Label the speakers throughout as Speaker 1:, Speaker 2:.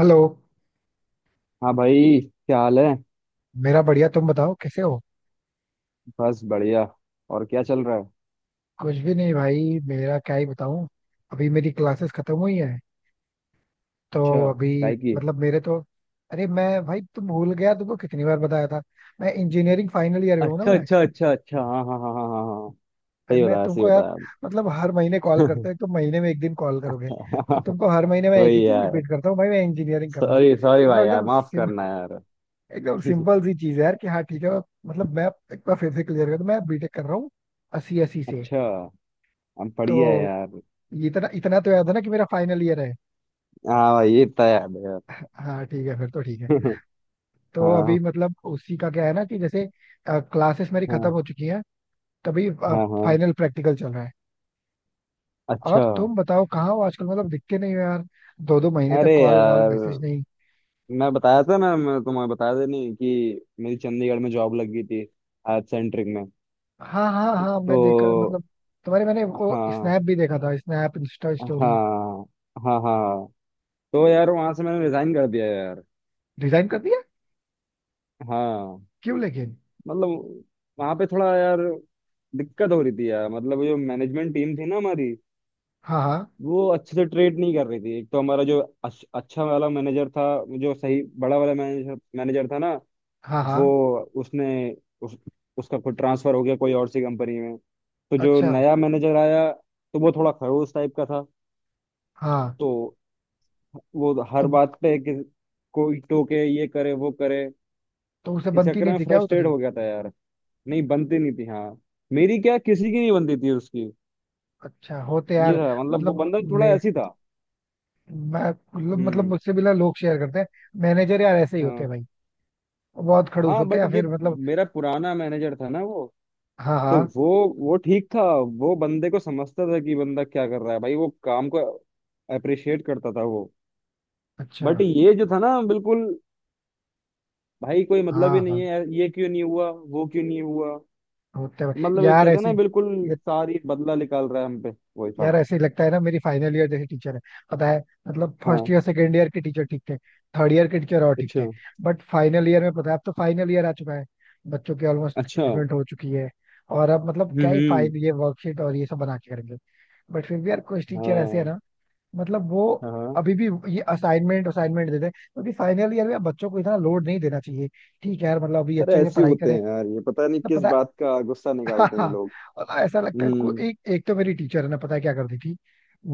Speaker 1: Hello.
Speaker 2: हाँ भाई। क्या हाल है।
Speaker 1: मेरा बढ़िया, तुम बताओ कैसे हो?
Speaker 2: बस बढ़िया। और क्या चल रहा है।
Speaker 1: कुछ भी नहीं भाई, मेरा क्या ही बताऊं। अभी मेरी क्लासेस खत्म हुई हैं तो
Speaker 2: अच्छा।
Speaker 1: अभी
Speaker 2: काय की।
Speaker 1: मतलब मेरे तो अरे मैं भाई तुम भूल गया, तुमको कितनी बार बताया था मैं इंजीनियरिंग फाइनल ईयर में हूँ ना
Speaker 2: अच्छा
Speaker 1: मैं।
Speaker 2: अच्छा अच्छा अच्छा, हाँ हाँ हाँ हाँ हाँ हाँ।
Speaker 1: भाई
Speaker 2: सही
Speaker 1: मैं
Speaker 2: बताया, सही
Speaker 1: तुमको यार
Speaker 2: बताया।
Speaker 1: मतलब हर महीने कॉल करते हो, तुम महीने में एक दिन कॉल करोगे और तुमको हर महीने मैं एक ही
Speaker 2: वही
Speaker 1: चीज
Speaker 2: यार।
Speaker 1: रिपीट करता हूँ, भाई मैं इंजीनियरिंग कर रहा हूँ।
Speaker 2: सॉरी सॉरी
Speaker 1: मतलब
Speaker 2: भाई, यार माफ करना यार।
Speaker 1: एकदम सिंपल सी चीज है यार कि हाँ ठीक है। मतलब मैं एक बार फिर से क्लियर कर दूं, मैं बीटेक कर रहा हूँ अस्सी अस्सी से।
Speaker 2: अच्छा। हम बढ़िया है
Speaker 1: तो
Speaker 2: यार।
Speaker 1: ये इतना इतना तो याद है ना कि मेरा फाइनल ईयर है।
Speaker 2: हाँ भाई, ये तो याद है यार।
Speaker 1: हाँ ठीक है, फिर तो ठीक है। तो
Speaker 2: हाँ
Speaker 1: अभी मतलब उसी का क्या है ना कि जैसे क्लासेस मेरी खत्म हो
Speaker 2: हाँ
Speaker 1: चुकी हैं, तभी
Speaker 2: हाँ हाँ।
Speaker 1: फाइनल प्रैक्टिकल चल रहा है।
Speaker 2: अच्छा।
Speaker 1: और तुम बताओ, कहाँ हो आजकल? मतलब दिखते नहीं हो यार, दो दो महीने तक
Speaker 2: अरे
Speaker 1: कॉल वॉल
Speaker 2: यार,
Speaker 1: मैसेज नहीं।
Speaker 2: मैं बताया था ना, मैं तुम्हें बताया था नहीं कि मेरी चंडीगढ़ में जॉब लग गई थी। एड सेंट्रिक में।
Speaker 1: हाँ हाँ हाँ, मैं देखा
Speaker 2: तो
Speaker 1: मतलब तुम्हारे मैंने वो
Speaker 2: हाँ
Speaker 1: स्नैप भी देखा था, स्नैप इंस्टा स्टोरी।
Speaker 2: हाँ हाँ हाँ। तो यार वहां से मैंने रिजाइन कर दिया यार।
Speaker 1: डिजाइन कर दिया?
Speaker 2: हाँ।
Speaker 1: क्यों लेकिन?
Speaker 2: मतलब वहां पे थोड़ा यार दिक्कत हो रही थी यार। मतलब जो मैनेजमेंट टीम थी ना हमारी,
Speaker 1: हाँ हाँ
Speaker 2: वो अच्छे से ट्रीट नहीं कर रही थी। एक तो हमारा जो अच्छा वाला मैनेजर था, जो सही बड़ा वाला मैनेजर मैनेजर था ना,
Speaker 1: हाँ हाँ,
Speaker 2: वो उसने उस, उसका कोई ट्रांसफर हो गया कोई और सी कंपनी में। तो जो
Speaker 1: अच्छा।
Speaker 2: नया मैनेजर आया तो वो थोड़ा खड़ूस टाइप का था।
Speaker 1: हाँ।
Speaker 2: तो वो हर
Speaker 1: तो
Speaker 2: बात पे कि कोई टोके, ये करे वो करे।
Speaker 1: तो उसे
Speaker 2: इस
Speaker 1: बनती
Speaker 2: चक्कर
Speaker 1: नहीं
Speaker 2: में
Speaker 1: थी क्या
Speaker 2: फ्रस्ट्रेट
Speaker 1: उतनी?
Speaker 2: हो गया था यार। नहीं बनती नहीं थी, हाँ। मेरी क्या, किसी की नहीं बनती थी उसकी।
Speaker 1: अच्छा होते
Speaker 2: ये
Speaker 1: यार।
Speaker 2: था, मतलब वो
Speaker 1: मतलब
Speaker 2: बंदा थोड़ा
Speaker 1: मे
Speaker 2: ऐसी था।
Speaker 1: मैं मतलब मतलब
Speaker 2: हम्म।
Speaker 1: मुझसे मिला लोग शेयर करते हैं। मैनेजर यार ऐसे ही होते
Speaker 2: हाँ
Speaker 1: हैं भाई, बहुत खड़ूस
Speaker 2: हाँ,
Speaker 1: होते हैं,
Speaker 2: बट
Speaker 1: या
Speaker 2: जो
Speaker 1: फिर मतलब
Speaker 2: मेरा पुराना मैनेजर था ना वो,
Speaker 1: हाँ
Speaker 2: तो
Speaker 1: हाँ,
Speaker 2: वो ठीक था। वो बंदे को समझता था कि बंदा क्या कर रहा है भाई। वो काम को अप्रिशिएट करता था वो।
Speaker 1: अच्छा,
Speaker 2: बट ये जो था ना, बिल्कुल भाई कोई मतलब
Speaker 1: हाँ
Speaker 2: ही नहीं
Speaker 1: हाँ
Speaker 2: है। ये क्यों नहीं हुआ, वो क्यों नहीं हुआ।
Speaker 1: होते हैं भाई।
Speaker 2: मतलब ये
Speaker 1: यार
Speaker 2: कहते हैं
Speaker 1: ऐसे
Speaker 2: ना, बिल्कुल
Speaker 1: ये-
Speaker 2: सारी बदला निकाल रहा है हम पे। वही था।
Speaker 1: यार ऐसे ही लगता है ना। मेरी फाइनल ईयर जैसे टीचर है, पता है मतलब फर्स्ट
Speaker 2: हाँ।
Speaker 1: ईयर सेकेंड ईयर के टीचर ठीक थे, थर्ड ईयर के टीचर और ठीक थे,
Speaker 2: अच्छा।
Speaker 1: बट फाइनल ईयर में पता है अब तो फाइनल ईयर आ चुका है, बच्चों की ऑलमोस्ट
Speaker 2: अच्छा। हम्म।
Speaker 1: प्लेसमेंट हो चुकी है और अब मतलब क्या ही
Speaker 2: हम्म,
Speaker 1: फाइनल ये वर्कशीट और ये सब बना के करेंगे। बट फिर भी यार कुछ टीचर ऐसे है
Speaker 2: हाँ
Speaker 1: ना, मतलब वो
Speaker 2: हाँ।
Speaker 1: अभी भी ये असाइनमेंट असाइनमेंट देते हैं, क्योंकि फाइनल ईयर में अब बच्चों को इतना लोड नहीं देना चाहिए। ठीक है यार मतलब अभी
Speaker 2: अरे
Speaker 1: अच्छे से
Speaker 2: ऐसे ही
Speaker 1: पढ़ाई
Speaker 2: होते
Speaker 1: करें।
Speaker 2: हैं यार। ये पता नहीं
Speaker 1: ना
Speaker 2: किस
Speaker 1: पता है।
Speaker 2: बात का गुस्सा
Speaker 1: हाँ
Speaker 2: निकालते हैं
Speaker 1: हाँ।
Speaker 2: ये लोग।
Speaker 1: मतलब ऐसा लगता है
Speaker 2: हम्म।
Speaker 1: एक एक तो मेरी टीचर है ना, पता है क्या करती थी?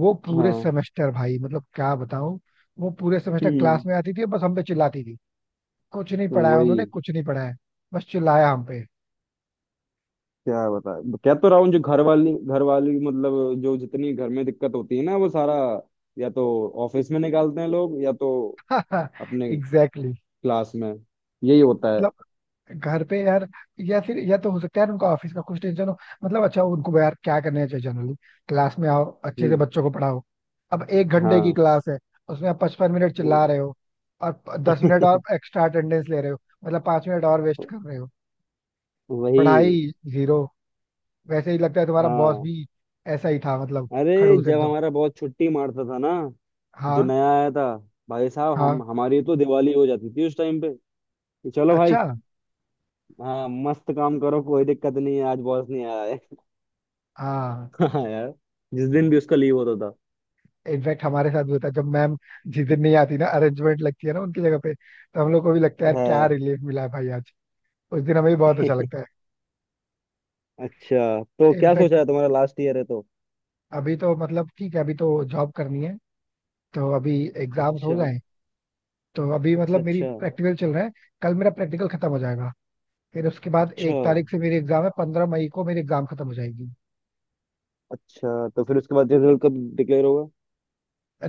Speaker 1: वो पूरे
Speaker 2: हाँ।
Speaker 1: सेमेस्टर भाई मतलब क्या बताऊं, वो पूरे सेमेस्टर क्लास
Speaker 2: हम्म।
Speaker 1: में आती थी और बस हम पे चिल्लाती थी। कुछ नहीं
Speaker 2: तो
Speaker 1: पढ़ाया
Speaker 2: वही
Speaker 1: उन्होंने, कुछ नहीं पढ़ाया। बस चिल्लाया हम पे।
Speaker 2: क्या बता, कह तो रहा हूँ जो घर वाली मतलब जो जितनी घर में दिक्कत होती है ना, वो सारा या तो ऑफिस में निकालते हैं लोग, या तो अपने
Speaker 1: एग्जैक्टली। exactly.
Speaker 2: क्लास में। यही होता है।
Speaker 1: मतलब घर पे यार, या फिर या तो हो सकता है यार उनको ऑफिस का कुछ टेंशन हो। मतलब अच्छा उनको यार क्या करना चाहिए जनरली? क्लास में आओ, अच्छे से
Speaker 2: हम्म।
Speaker 1: बच्चों को पढ़ाओ। अब 1 घंटे की
Speaker 2: हाँ।
Speaker 1: क्लास है, उसमें आप 55 मिनट चिल्ला रहे
Speaker 2: वो-।
Speaker 1: हो और 10 मिनट और एक्स्ट्रा अटेंडेंस ले रहे हो, मतलब 5 मिनट और वेस्ट कर रहे हो।
Speaker 2: वही।
Speaker 1: पढ़ाई जीरो। वैसे ही लगता है तुम्हारा बॉस
Speaker 2: हाँ।
Speaker 1: भी ऐसा ही था, मतलब
Speaker 2: अरे
Speaker 1: खड़ूस
Speaker 2: जब
Speaker 1: एकदम।
Speaker 2: हमारा बहुत छुट्टी मारता था ना, जो
Speaker 1: हाँ
Speaker 2: नया आया था, भाई साहब
Speaker 1: हाँ,
Speaker 2: हम हमारी तो दिवाली हो जाती थी उस टाइम पे। कि चलो भाई,
Speaker 1: अच्छा।
Speaker 2: हाँ मस्त काम करो, कोई दिक्कत नहीं है आज बॉस नहीं आया है।
Speaker 1: हाँ,
Speaker 2: हाँ यार, जिस दिन भी उसका लीव होता था।
Speaker 1: इनफैक्ट हमारे साथ भी होता है, जब मैम जिस दिन नहीं आती ना, अरेंजमेंट लगती है ना उनकी जगह पे, तो हम लोग को भी लगता है यार क्या
Speaker 2: हाँ।
Speaker 1: रिलीफ मिला है भाई आज। उस दिन हमें भी बहुत अच्छा लगता
Speaker 2: अच्छा तो
Speaker 1: है।
Speaker 2: क्या
Speaker 1: इनफैक्ट
Speaker 2: सोचा है, तुम्हारा लास्ट ईयर है तो।
Speaker 1: अभी तो मतलब ठीक है, अभी तो जॉब करनी है, तो अभी एग्जाम्स हो
Speaker 2: अच्छा
Speaker 1: जाए। तो अभी
Speaker 2: अच्छा।
Speaker 1: मतलब मेरी
Speaker 2: अच्छा
Speaker 1: प्रैक्टिकल चल रहा है, कल मेरा प्रैक्टिकल खत्म हो जाएगा, फिर उसके बाद
Speaker 2: अच्छा।
Speaker 1: 1 तारीख से मेरी एग्जाम है, 15 मई को मेरी एग्जाम खत्म हो जाएगी।
Speaker 2: अच्छा तो फिर उसके बाद रिजल्ट कब डिक्लेयर होगा।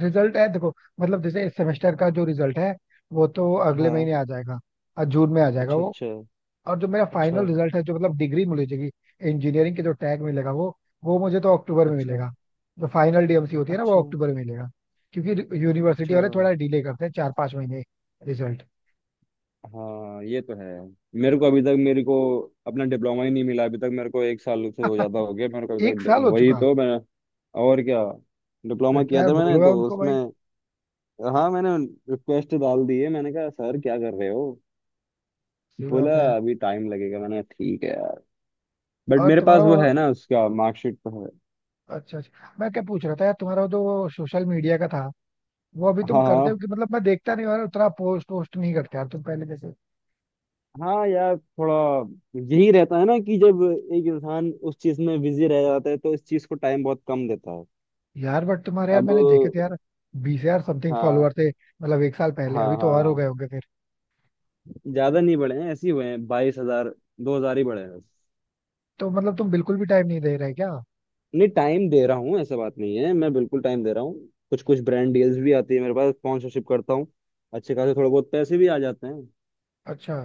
Speaker 1: रिजल्ट है, देखो मतलब जैसे इस सेमेस्टर का जो रिजल्ट है, वो तो अगले
Speaker 2: हाँ।
Speaker 1: महीने आ जाएगा और जून में आ जाएगा
Speaker 2: अच्छा
Speaker 1: वो।
Speaker 2: अच्छा।
Speaker 1: और जो मेरा
Speaker 2: अच्छा।
Speaker 1: फाइनल रिजल्ट है, जो मतलब डिग्री मिलेगी, इंजीनियरिंग के जो टैग मिलेगा वो मुझे तो अक्टूबर में
Speaker 2: अच्छा।
Speaker 1: मिलेगा। जो फाइनल डीएमसी होती है ना, वो
Speaker 2: अच्छा।
Speaker 1: अक्टूबर में मिलेगा, क्योंकि यूनिवर्सिटी
Speaker 2: अच्छा।
Speaker 1: वाले थोड़ा डिले करते हैं, 4-5 महीने रिजल्ट।
Speaker 2: हाँ ये तो है। मेरे को अपना डिप्लोमा ही नहीं मिला अभी तक। मेरे को एक साल से हो, ज्यादा हो गया मेरे को
Speaker 1: एक
Speaker 2: अभी तक।
Speaker 1: साल हो
Speaker 2: वही
Speaker 1: चुका,
Speaker 2: तो मैं और क्या,
Speaker 1: फिर
Speaker 2: डिप्लोमा
Speaker 1: तो
Speaker 2: किया
Speaker 1: यार
Speaker 2: था मैंने
Speaker 1: बोलो यार
Speaker 2: तो
Speaker 1: उनको
Speaker 2: उसमें।
Speaker 1: भाई।
Speaker 2: हाँ मैंने रिक्वेस्ट डाल दी है, मैंने कहा सर क्या कर रहे हो।
Speaker 1: सही
Speaker 2: बोला
Speaker 1: बात है यार।
Speaker 2: अभी टाइम लगेगा। मैंने कहा, ठीक है यार। बट
Speaker 1: और
Speaker 2: मेरे
Speaker 1: तुम्हारा
Speaker 2: पास वो है ना, उसका मार्कशीट तो है।
Speaker 1: अच्छा अच्छा, मैं क्या पूछ रहा था यार, तुम्हारा वो जो सोशल मीडिया का था, वो अभी तुम
Speaker 2: हाँ
Speaker 1: करते हो
Speaker 2: हाँ।
Speaker 1: कि मतलब मैं देखता नहीं हूँ यार, उतना पोस्ट वोस्ट नहीं करते यार तुम पहले जैसे।
Speaker 2: हाँ यार थोड़ा यही रहता है ना कि जब एक इंसान उस चीज में बिजी रह जाता है तो इस चीज को टाइम बहुत कम देता है।
Speaker 1: यार बट तुम्हारे यार
Speaker 2: अब
Speaker 1: मैंने देखे थे यार, 20 यार समथिंग
Speaker 2: हाँ
Speaker 1: फॉलोअर थे मतलब एक साल पहले,
Speaker 2: हाँ।
Speaker 1: अभी तो और हो गए
Speaker 2: हाँ
Speaker 1: होंगे फिर।
Speaker 2: ज्यादा नहीं बढ़े हैं, ऐसे ही हुए हैं 22 हज़ार। 2 हज़ार ही बढ़े हैं बस।
Speaker 1: तो मतलब तुम बिल्कुल भी टाइम नहीं दे रहे क्या?
Speaker 2: नहीं, टाइम दे रहा हूँ, ऐसा बात नहीं है। मैं बिल्कुल टाइम दे रहा हूँ। कुछ कुछ ब्रांड डील्स भी आती है मेरे पास। स्पॉन्सरशिप करता हूँ। अच्छे खासे थोड़े बहुत पैसे भी आ जाते हैं।
Speaker 1: अच्छा।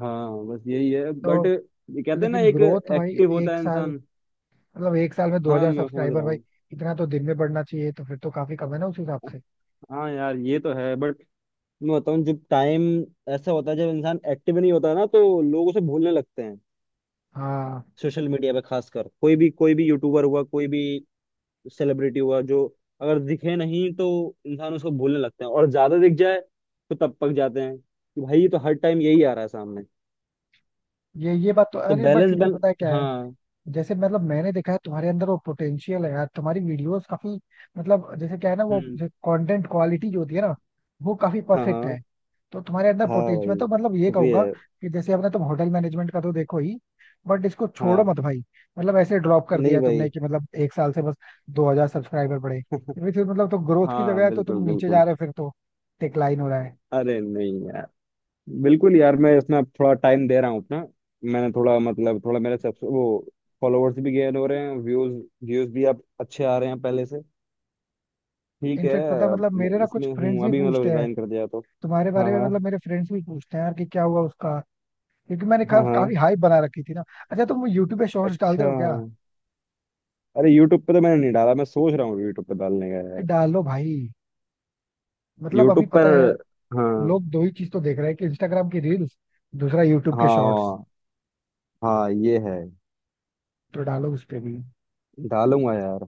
Speaker 2: हाँ बस यही है। बट
Speaker 1: तो
Speaker 2: ये कहते हैं ना,
Speaker 1: लेकिन
Speaker 2: एक
Speaker 1: ग्रोथ भाई,
Speaker 2: एक्टिव होता
Speaker 1: एक
Speaker 2: है
Speaker 1: साल,
Speaker 2: इंसान।
Speaker 1: मतलब एक साल में दो
Speaker 2: हाँ
Speaker 1: हजार
Speaker 2: मैं समझ
Speaker 1: सब्सक्राइबर
Speaker 2: रहा
Speaker 1: भाई,
Speaker 2: हूँ।
Speaker 1: इतना तो दिन में बढ़ना चाहिए। तो फिर तो काफी कम है ना उस हिसाब से।
Speaker 2: हाँ यार ये तो है। बट मैं बताऊँ जब टाइम, ऐसा होता है जब इंसान एक्टिव नहीं होता ना, तो लोग उसे भूलने लगते हैं।
Speaker 1: हाँ
Speaker 2: सोशल मीडिया पे खासकर, कोई भी यूट्यूबर हुआ, कोई भी सेलिब्रिटी हुआ, जो अगर दिखे नहीं तो इंसान उसको भूलने लगते हैं। और ज्यादा दिख जाए तो तब पक जाते हैं कि भाई ये तो हर टाइम यही आ रहा है सामने।
Speaker 1: ये बात तो,
Speaker 2: तो
Speaker 1: अरे बट
Speaker 2: बैलेंस
Speaker 1: फिर भी
Speaker 2: बैल,
Speaker 1: पता है क्या है?
Speaker 2: हाँ।
Speaker 1: जैसे मतलब मैंने देखा है तुम्हारे अंदर वो पोटेंशियल है यार, तुम्हारी वीडियोस काफी मतलब, जैसे क्या है ना वो
Speaker 2: हम्म।
Speaker 1: कंटेंट क्वालिटी जो होती है ना, वो काफी
Speaker 2: हाँ
Speaker 1: परफेक्ट है।
Speaker 2: हाँ।
Speaker 1: तो तुम्हारे अंदर
Speaker 2: हाँ
Speaker 1: पोटेंशियल, मैं
Speaker 2: भाई
Speaker 1: तो मतलब ये कहूंगा
Speaker 2: शुक्रिया।
Speaker 1: कि जैसे अपने तुम होटल मैनेजमेंट का तो देखो ही, बट इसको छोड़ो
Speaker 2: हाँ।
Speaker 1: मत भाई। मतलब ऐसे ड्रॉप कर
Speaker 2: नहीं
Speaker 1: दिया
Speaker 2: भाई।
Speaker 1: तुमने कि मतलब एक साल से बस 2000 सब्सक्राइबर बढ़े। फिर मतलब तो ग्रोथ की
Speaker 2: हाँ,
Speaker 1: जगह है तो तुम
Speaker 2: बिल्कुल
Speaker 1: नीचे
Speaker 2: बिल्कुल।
Speaker 1: जा रहे हो, फिर तो डिक्लाइन हो रहा है।
Speaker 2: अरे नहीं यार, बिल्कुल यार मैं इसमें अब थोड़ा टाइम दे रहा हूँ अपना। मैंने थोड़ा, मतलब थोड़ा मेरे सब वो फॉलोअर्स भी गेन हो रहे हैं। व्यूज, व्यूज भी अब अच्छे आ रहे हैं पहले से। ठीक है।
Speaker 1: इनफेक्ट पता है,
Speaker 2: अब
Speaker 1: मतलब
Speaker 2: मैं
Speaker 1: मेरे ना कुछ
Speaker 2: इसमें
Speaker 1: फ्रेंड्स
Speaker 2: हूँ
Speaker 1: भी
Speaker 2: अभी, मतलब
Speaker 1: पूछते हैं
Speaker 2: रिजाइन कर दिया तो।
Speaker 1: तुम्हारे
Speaker 2: हाँ
Speaker 1: बारे में,
Speaker 2: हाँ
Speaker 1: मतलब मेरे फ्रेंड्स भी पूछते हैं यार कि क्या हुआ उसका, क्योंकि
Speaker 2: हाँ हाँ।
Speaker 1: काफी हाइप बना रखी थी ना। अच्छा तुम यूट्यूब पे शॉर्ट्स डालते
Speaker 2: अच्छा
Speaker 1: हो क्या?
Speaker 2: अरे, यूट्यूब पे तो मैंने नहीं डाला। मैं सोच रहा हूँ यूट्यूब पे डालने का यार।
Speaker 1: डालो भाई, मतलब अभी
Speaker 2: यूट्यूब पर
Speaker 1: पता है
Speaker 2: हाँ।
Speaker 1: लोग दो ही चीज तो देख रहे हैं कि इंस्टाग्राम की रील्स, दूसरा यूट्यूब के शॉर्ट्स,
Speaker 2: हाँ हाँ ये है।
Speaker 1: तो डालो उस पे भी।
Speaker 2: डालूंगा यार,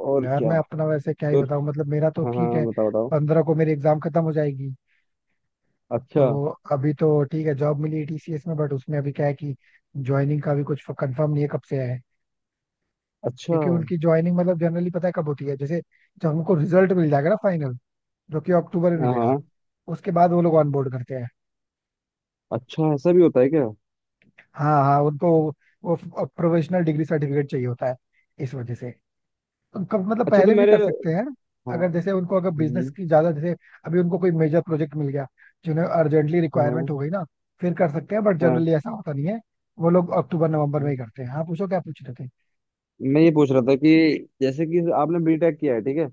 Speaker 2: और
Speaker 1: यार
Speaker 2: क्या।
Speaker 1: मैं अपना वैसे क्या ही
Speaker 2: तो
Speaker 1: बताऊं, मतलब मेरा तो
Speaker 2: हाँ
Speaker 1: ठीक है।
Speaker 2: हाँ, बताओ बताओ।
Speaker 1: 15 को मेरी एग्जाम खत्म हो जाएगी।
Speaker 2: अच्छा
Speaker 1: तो अभी तो ठीक है, जॉब मिली टीसीएस में, बट उसमें अभी क्या है कि ज्वाइनिंग का भी कुछ कंफर्म नहीं है कब से है,
Speaker 2: अच्छा।
Speaker 1: क्योंकि उनकी ज्वाइनिंग मतलब जनरली पता है कब होती है, जैसे जब हमको रिजल्ट मिल जाएगा ना फाइनल, जो कि अक्टूबर में
Speaker 2: हाँ
Speaker 1: मिलेगा,
Speaker 2: हाँ।
Speaker 1: उसके बाद वो लोग ऑनबोर्ड करते हैं।
Speaker 2: अच्छा ऐसा भी होता है क्या।
Speaker 1: हाँ हाँ, उनको वो प्रोफेशनल डिग्री सर्टिफिकेट चाहिए होता है, इस वजह से। हम कब मतलब
Speaker 2: अच्छा तो
Speaker 1: पहले भी
Speaker 2: मेरे,
Speaker 1: कर सकते हैं,
Speaker 2: हाँ।
Speaker 1: अगर जैसे उनको अगर बिजनेस
Speaker 2: हम्म,
Speaker 1: की ज्यादा जैसे, अभी उनको कोई मेजर प्रोजेक्ट मिल गया जिन्हें अर्जेंटली रिक्वायरमेंट
Speaker 2: हाँ
Speaker 1: हो गई ना, फिर कर सकते हैं, बट
Speaker 2: हाँ।
Speaker 1: जनरली ऐसा होता नहीं है। वो लोग अक्टूबर नवंबर में
Speaker 2: हाँ।
Speaker 1: ही करते हैं। हाँ पूछो क्या पूछ रहे थे।
Speaker 2: मैं ये पूछ रहा था कि जैसे कि आपने बीटेक किया है ठीक है,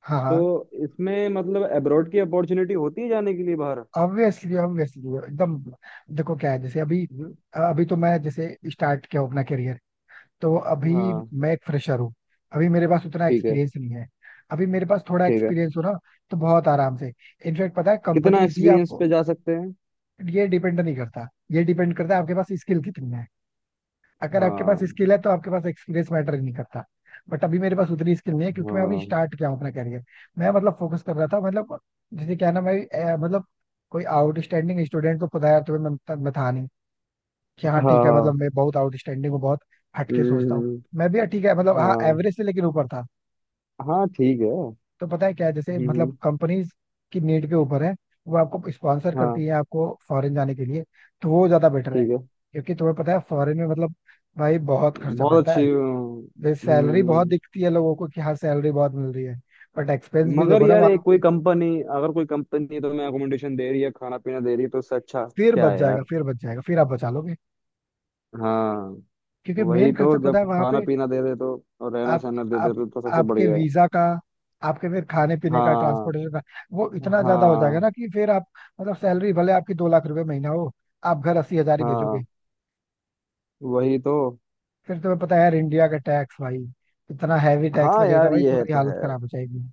Speaker 1: हाँ हाँ,
Speaker 2: तो इसमें मतलब अब्रॉड की अपॉर्चुनिटी होती है जाने के लिए बाहर।
Speaker 1: ऑब्वियसली ऑब्वियसली एकदम। देखो क्या है, जैसे अभी,
Speaker 2: हम्म,
Speaker 1: अभी तो मैं जैसे स्टार्ट किया हूं अपना करियर, तो अभी
Speaker 2: हाँ।
Speaker 1: मैं एक फ्रेशर हूँ, अभी मेरे पास उतना
Speaker 2: ठीक है।
Speaker 1: एक्सपीरियंस नहीं है। अभी मेरे पास थोड़ा
Speaker 2: ठीक है।
Speaker 1: एक्सपीरियंस हो ना, तो बहुत आराम से, इनफैक्ट पता है
Speaker 2: कितना
Speaker 1: कंपनीज भी आप,
Speaker 2: एक्सपीरियंस पे जा सकते हैं।
Speaker 1: ये डिपेंड नहीं करता, ये डिपेंड करता है आपके पास स्किल कितनी है। अगर आपके पास
Speaker 2: हाँ
Speaker 1: स्किल है तो आपके पास एक्सपीरियंस मैटर ही नहीं करता। बट अभी मेरे पास उतनी स्किल नहीं है, क्योंकि मैं अभी
Speaker 2: हाँ।
Speaker 1: स्टार्ट किया हूँ अपना करियर। मैं मतलब फोकस कर रहा था मतलब, जैसे क्या ना मैं मतलब कोई आउटस्टैंडिंग स्टूडेंट को पता है, तो मैं था नहीं कि
Speaker 2: हाँ
Speaker 1: हाँ ठीक है, मतलब
Speaker 2: हाँ।
Speaker 1: मैं बहुत आउटस्टैंडिंग हूँ, बहुत हटके सोचता हूँ।
Speaker 2: हम्म,
Speaker 1: मैं भी हाँ, ठीक है, मतलब हाँ
Speaker 2: हाँ।
Speaker 1: एवरेज से लेकिन ऊपर था।
Speaker 2: हाँ ठीक है। हम्म।
Speaker 1: तो पता है क्या है, जैसे मतलब
Speaker 2: हम्म,
Speaker 1: कंपनीज की नीड के ऊपर है, वो आपको स्पॉन्सर
Speaker 2: हाँ।
Speaker 1: करती है आपको फॉरेन जाने के लिए। तो वो ज्यादा बेटर है,
Speaker 2: ठीक है।
Speaker 1: क्योंकि तुम्हें पता है फॉरेन में मतलब भाई बहुत खर्चा
Speaker 2: बहुत
Speaker 1: पड़ता है।
Speaker 2: अच्छी।
Speaker 1: जैसे सैलरी बहुत
Speaker 2: हम्म।
Speaker 1: दिखती है लोगों को कि हाँ सैलरी बहुत मिल रही है, बट एक्सपेंस भी
Speaker 2: मगर
Speaker 1: देखो ना
Speaker 2: यार
Speaker 1: वहां
Speaker 2: एक कोई
Speaker 1: पे,
Speaker 2: कंपनी, अगर कोई कंपनी तो मैं अकोमोडेशन दे रही है, खाना पीना दे रही है, तो उससे अच्छा
Speaker 1: फिर
Speaker 2: क्या
Speaker 1: बच
Speaker 2: है
Speaker 1: जाएगा,
Speaker 2: यार।
Speaker 1: फिर बच जाएगा, फिर आप बचा लोगे,
Speaker 2: हाँ
Speaker 1: क्योंकि
Speaker 2: वही
Speaker 1: मेन खर्चा
Speaker 2: तो।
Speaker 1: पता है
Speaker 2: जब
Speaker 1: वहां
Speaker 2: खाना
Speaker 1: पे
Speaker 2: पीना दे दे तो और रहना
Speaker 1: आप
Speaker 2: सहना दे
Speaker 1: आप
Speaker 2: दे तो सबसे
Speaker 1: आपके
Speaker 2: बढ़िया है।
Speaker 1: वीजा का, आपके फिर खाने पीने का,
Speaker 2: हाँ।
Speaker 1: ट्रांसपोर्टेशन का, वो इतना ज्यादा हो जाएगा
Speaker 2: हाँ।
Speaker 1: ना कि फिर आप, मतलब सैलरी भले आपकी 2 लाख रुपए महीना हो, आप घर 80 हजार ही भेजोगे।
Speaker 2: हाँ वही तो।
Speaker 1: फिर तुम्हें पता है यार इंडिया का टैक्स भाई, इतना हैवी टैक्स
Speaker 2: हाँ
Speaker 1: लगेगा
Speaker 2: यार
Speaker 1: भाई,
Speaker 2: ये है
Speaker 1: तुम्हारी
Speaker 2: तो
Speaker 1: हालत
Speaker 2: है।
Speaker 1: खराब हो जाएगी।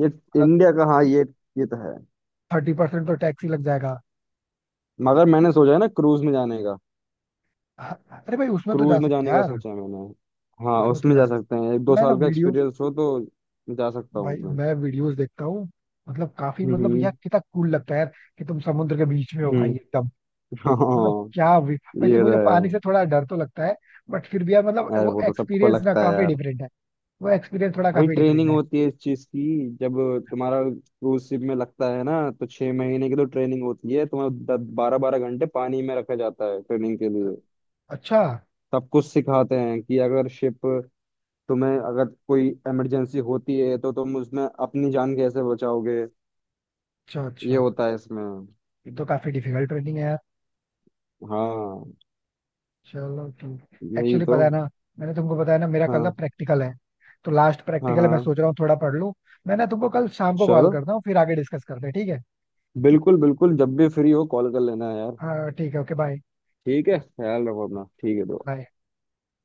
Speaker 2: ये
Speaker 1: मतलब
Speaker 2: इंडिया का, हाँ ये तो है।
Speaker 1: 30% तो टैक्स ही लग जाएगा।
Speaker 2: मगर मैंने सोचा है ना क्रूज में जाने का।
Speaker 1: हाँ, अरे भाई उसमें तो जा
Speaker 2: क्रूज में
Speaker 1: सकते
Speaker 2: जाने
Speaker 1: हैं
Speaker 2: का
Speaker 1: यार,
Speaker 2: सोचा है मैंने। हाँ
Speaker 1: उसमें तो
Speaker 2: उसमें
Speaker 1: जा
Speaker 2: जा
Speaker 1: सकते
Speaker 2: सकते हैं, एक
Speaker 1: हैं।
Speaker 2: दो
Speaker 1: मैं ना
Speaker 2: साल का
Speaker 1: वीडियोस
Speaker 2: एक्सपीरियंस हो तो। जा सकता
Speaker 1: भाई
Speaker 2: हूँ उसमें।
Speaker 1: मैं वीडियोस देखता हूँ मतलब काफी, मतलब
Speaker 2: हम्म।
Speaker 1: यार कितना कूल लगता है यार कि तुम समुद्र के बीच में हो भाई।
Speaker 2: हम्म।
Speaker 1: मतलब
Speaker 2: हाँ
Speaker 1: क्या भी, वैसे
Speaker 2: ये तो
Speaker 1: मुझे पानी
Speaker 2: है।
Speaker 1: से थोड़ा डर तो लगता है, बट फिर भी यार मतलब
Speaker 2: अरे
Speaker 1: वो
Speaker 2: वो तो सबको
Speaker 1: एक्सपीरियंस ना
Speaker 2: लगता है
Speaker 1: काफी
Speaker 2: यार।
Speaker 1: डिफरेंट है, वो एक्सपीरियंस थोड़ा
Speaker 2: भाई
Speaker 1: काफी डिफरेंट
Speaker 2: ट्रेनिंग
Speaker 1: है।
Speaker 2: होती है इस चीज की। जब तुम्हारा क्रूज शिप में लगता है ना, तो 6 महीने की तो ट्रेनिंग होती है। तुम्हें 12-12 घंटे पानी में रखा जाता है ट्रेनिंग के लिए।
Speaker 1: अच्छा
Speaker 2: सब कुछ सिखाते हैं कि अगर शिप, तुम्हें अगर कोई इमरजेंसी होती है तो तुम उसमें अपनी जान कैसे बचाओगे।
Speaker 1: अच्छा
Speaker 2: ये
Speaker 1: अच्छा।
Speaker 2: होता है इसमें।
Speaker 1: ये तो काफी डिफिकल्ट ट्रेनिंग है यार।
Speaker 2: हाँ।
Speaker 1: चलो ठीक,
Speaker 2: यही
Speaker 1: एक्चुअली
Speaker 2: तो।
Speaker 1: पता है ना, मैंने तुमको बताया ना मेरा कल ना
Speaker 2: हाँ
Speaker 1: प्रैक्टिकल है, तो लास्ट
Speaker 2: हाँ।
Speaker 1: प्रैक्टिकल है, मैं
Speaker 2: हाँ
Speaker 1: सोच रहा हूँ थोड़ा पढ़ लूँ। मैं ना तुमको कल शाम को कॉल
Speaker 2: चलो,
Speaker 1: करता हूँ, फिर आगे डिस्कस करते हैं, ठीक है?
Speaker 2: बिल्कुल बिल्कुल जब भी फ्री हो कॉल कर लेना यार।
Speaker 1: हाँ ठीक है, ओके बाय।
Speaker 2: ठीक है, ख्याल रखो अपना। ठीक है दोस्त।
Speaker 1: बाय।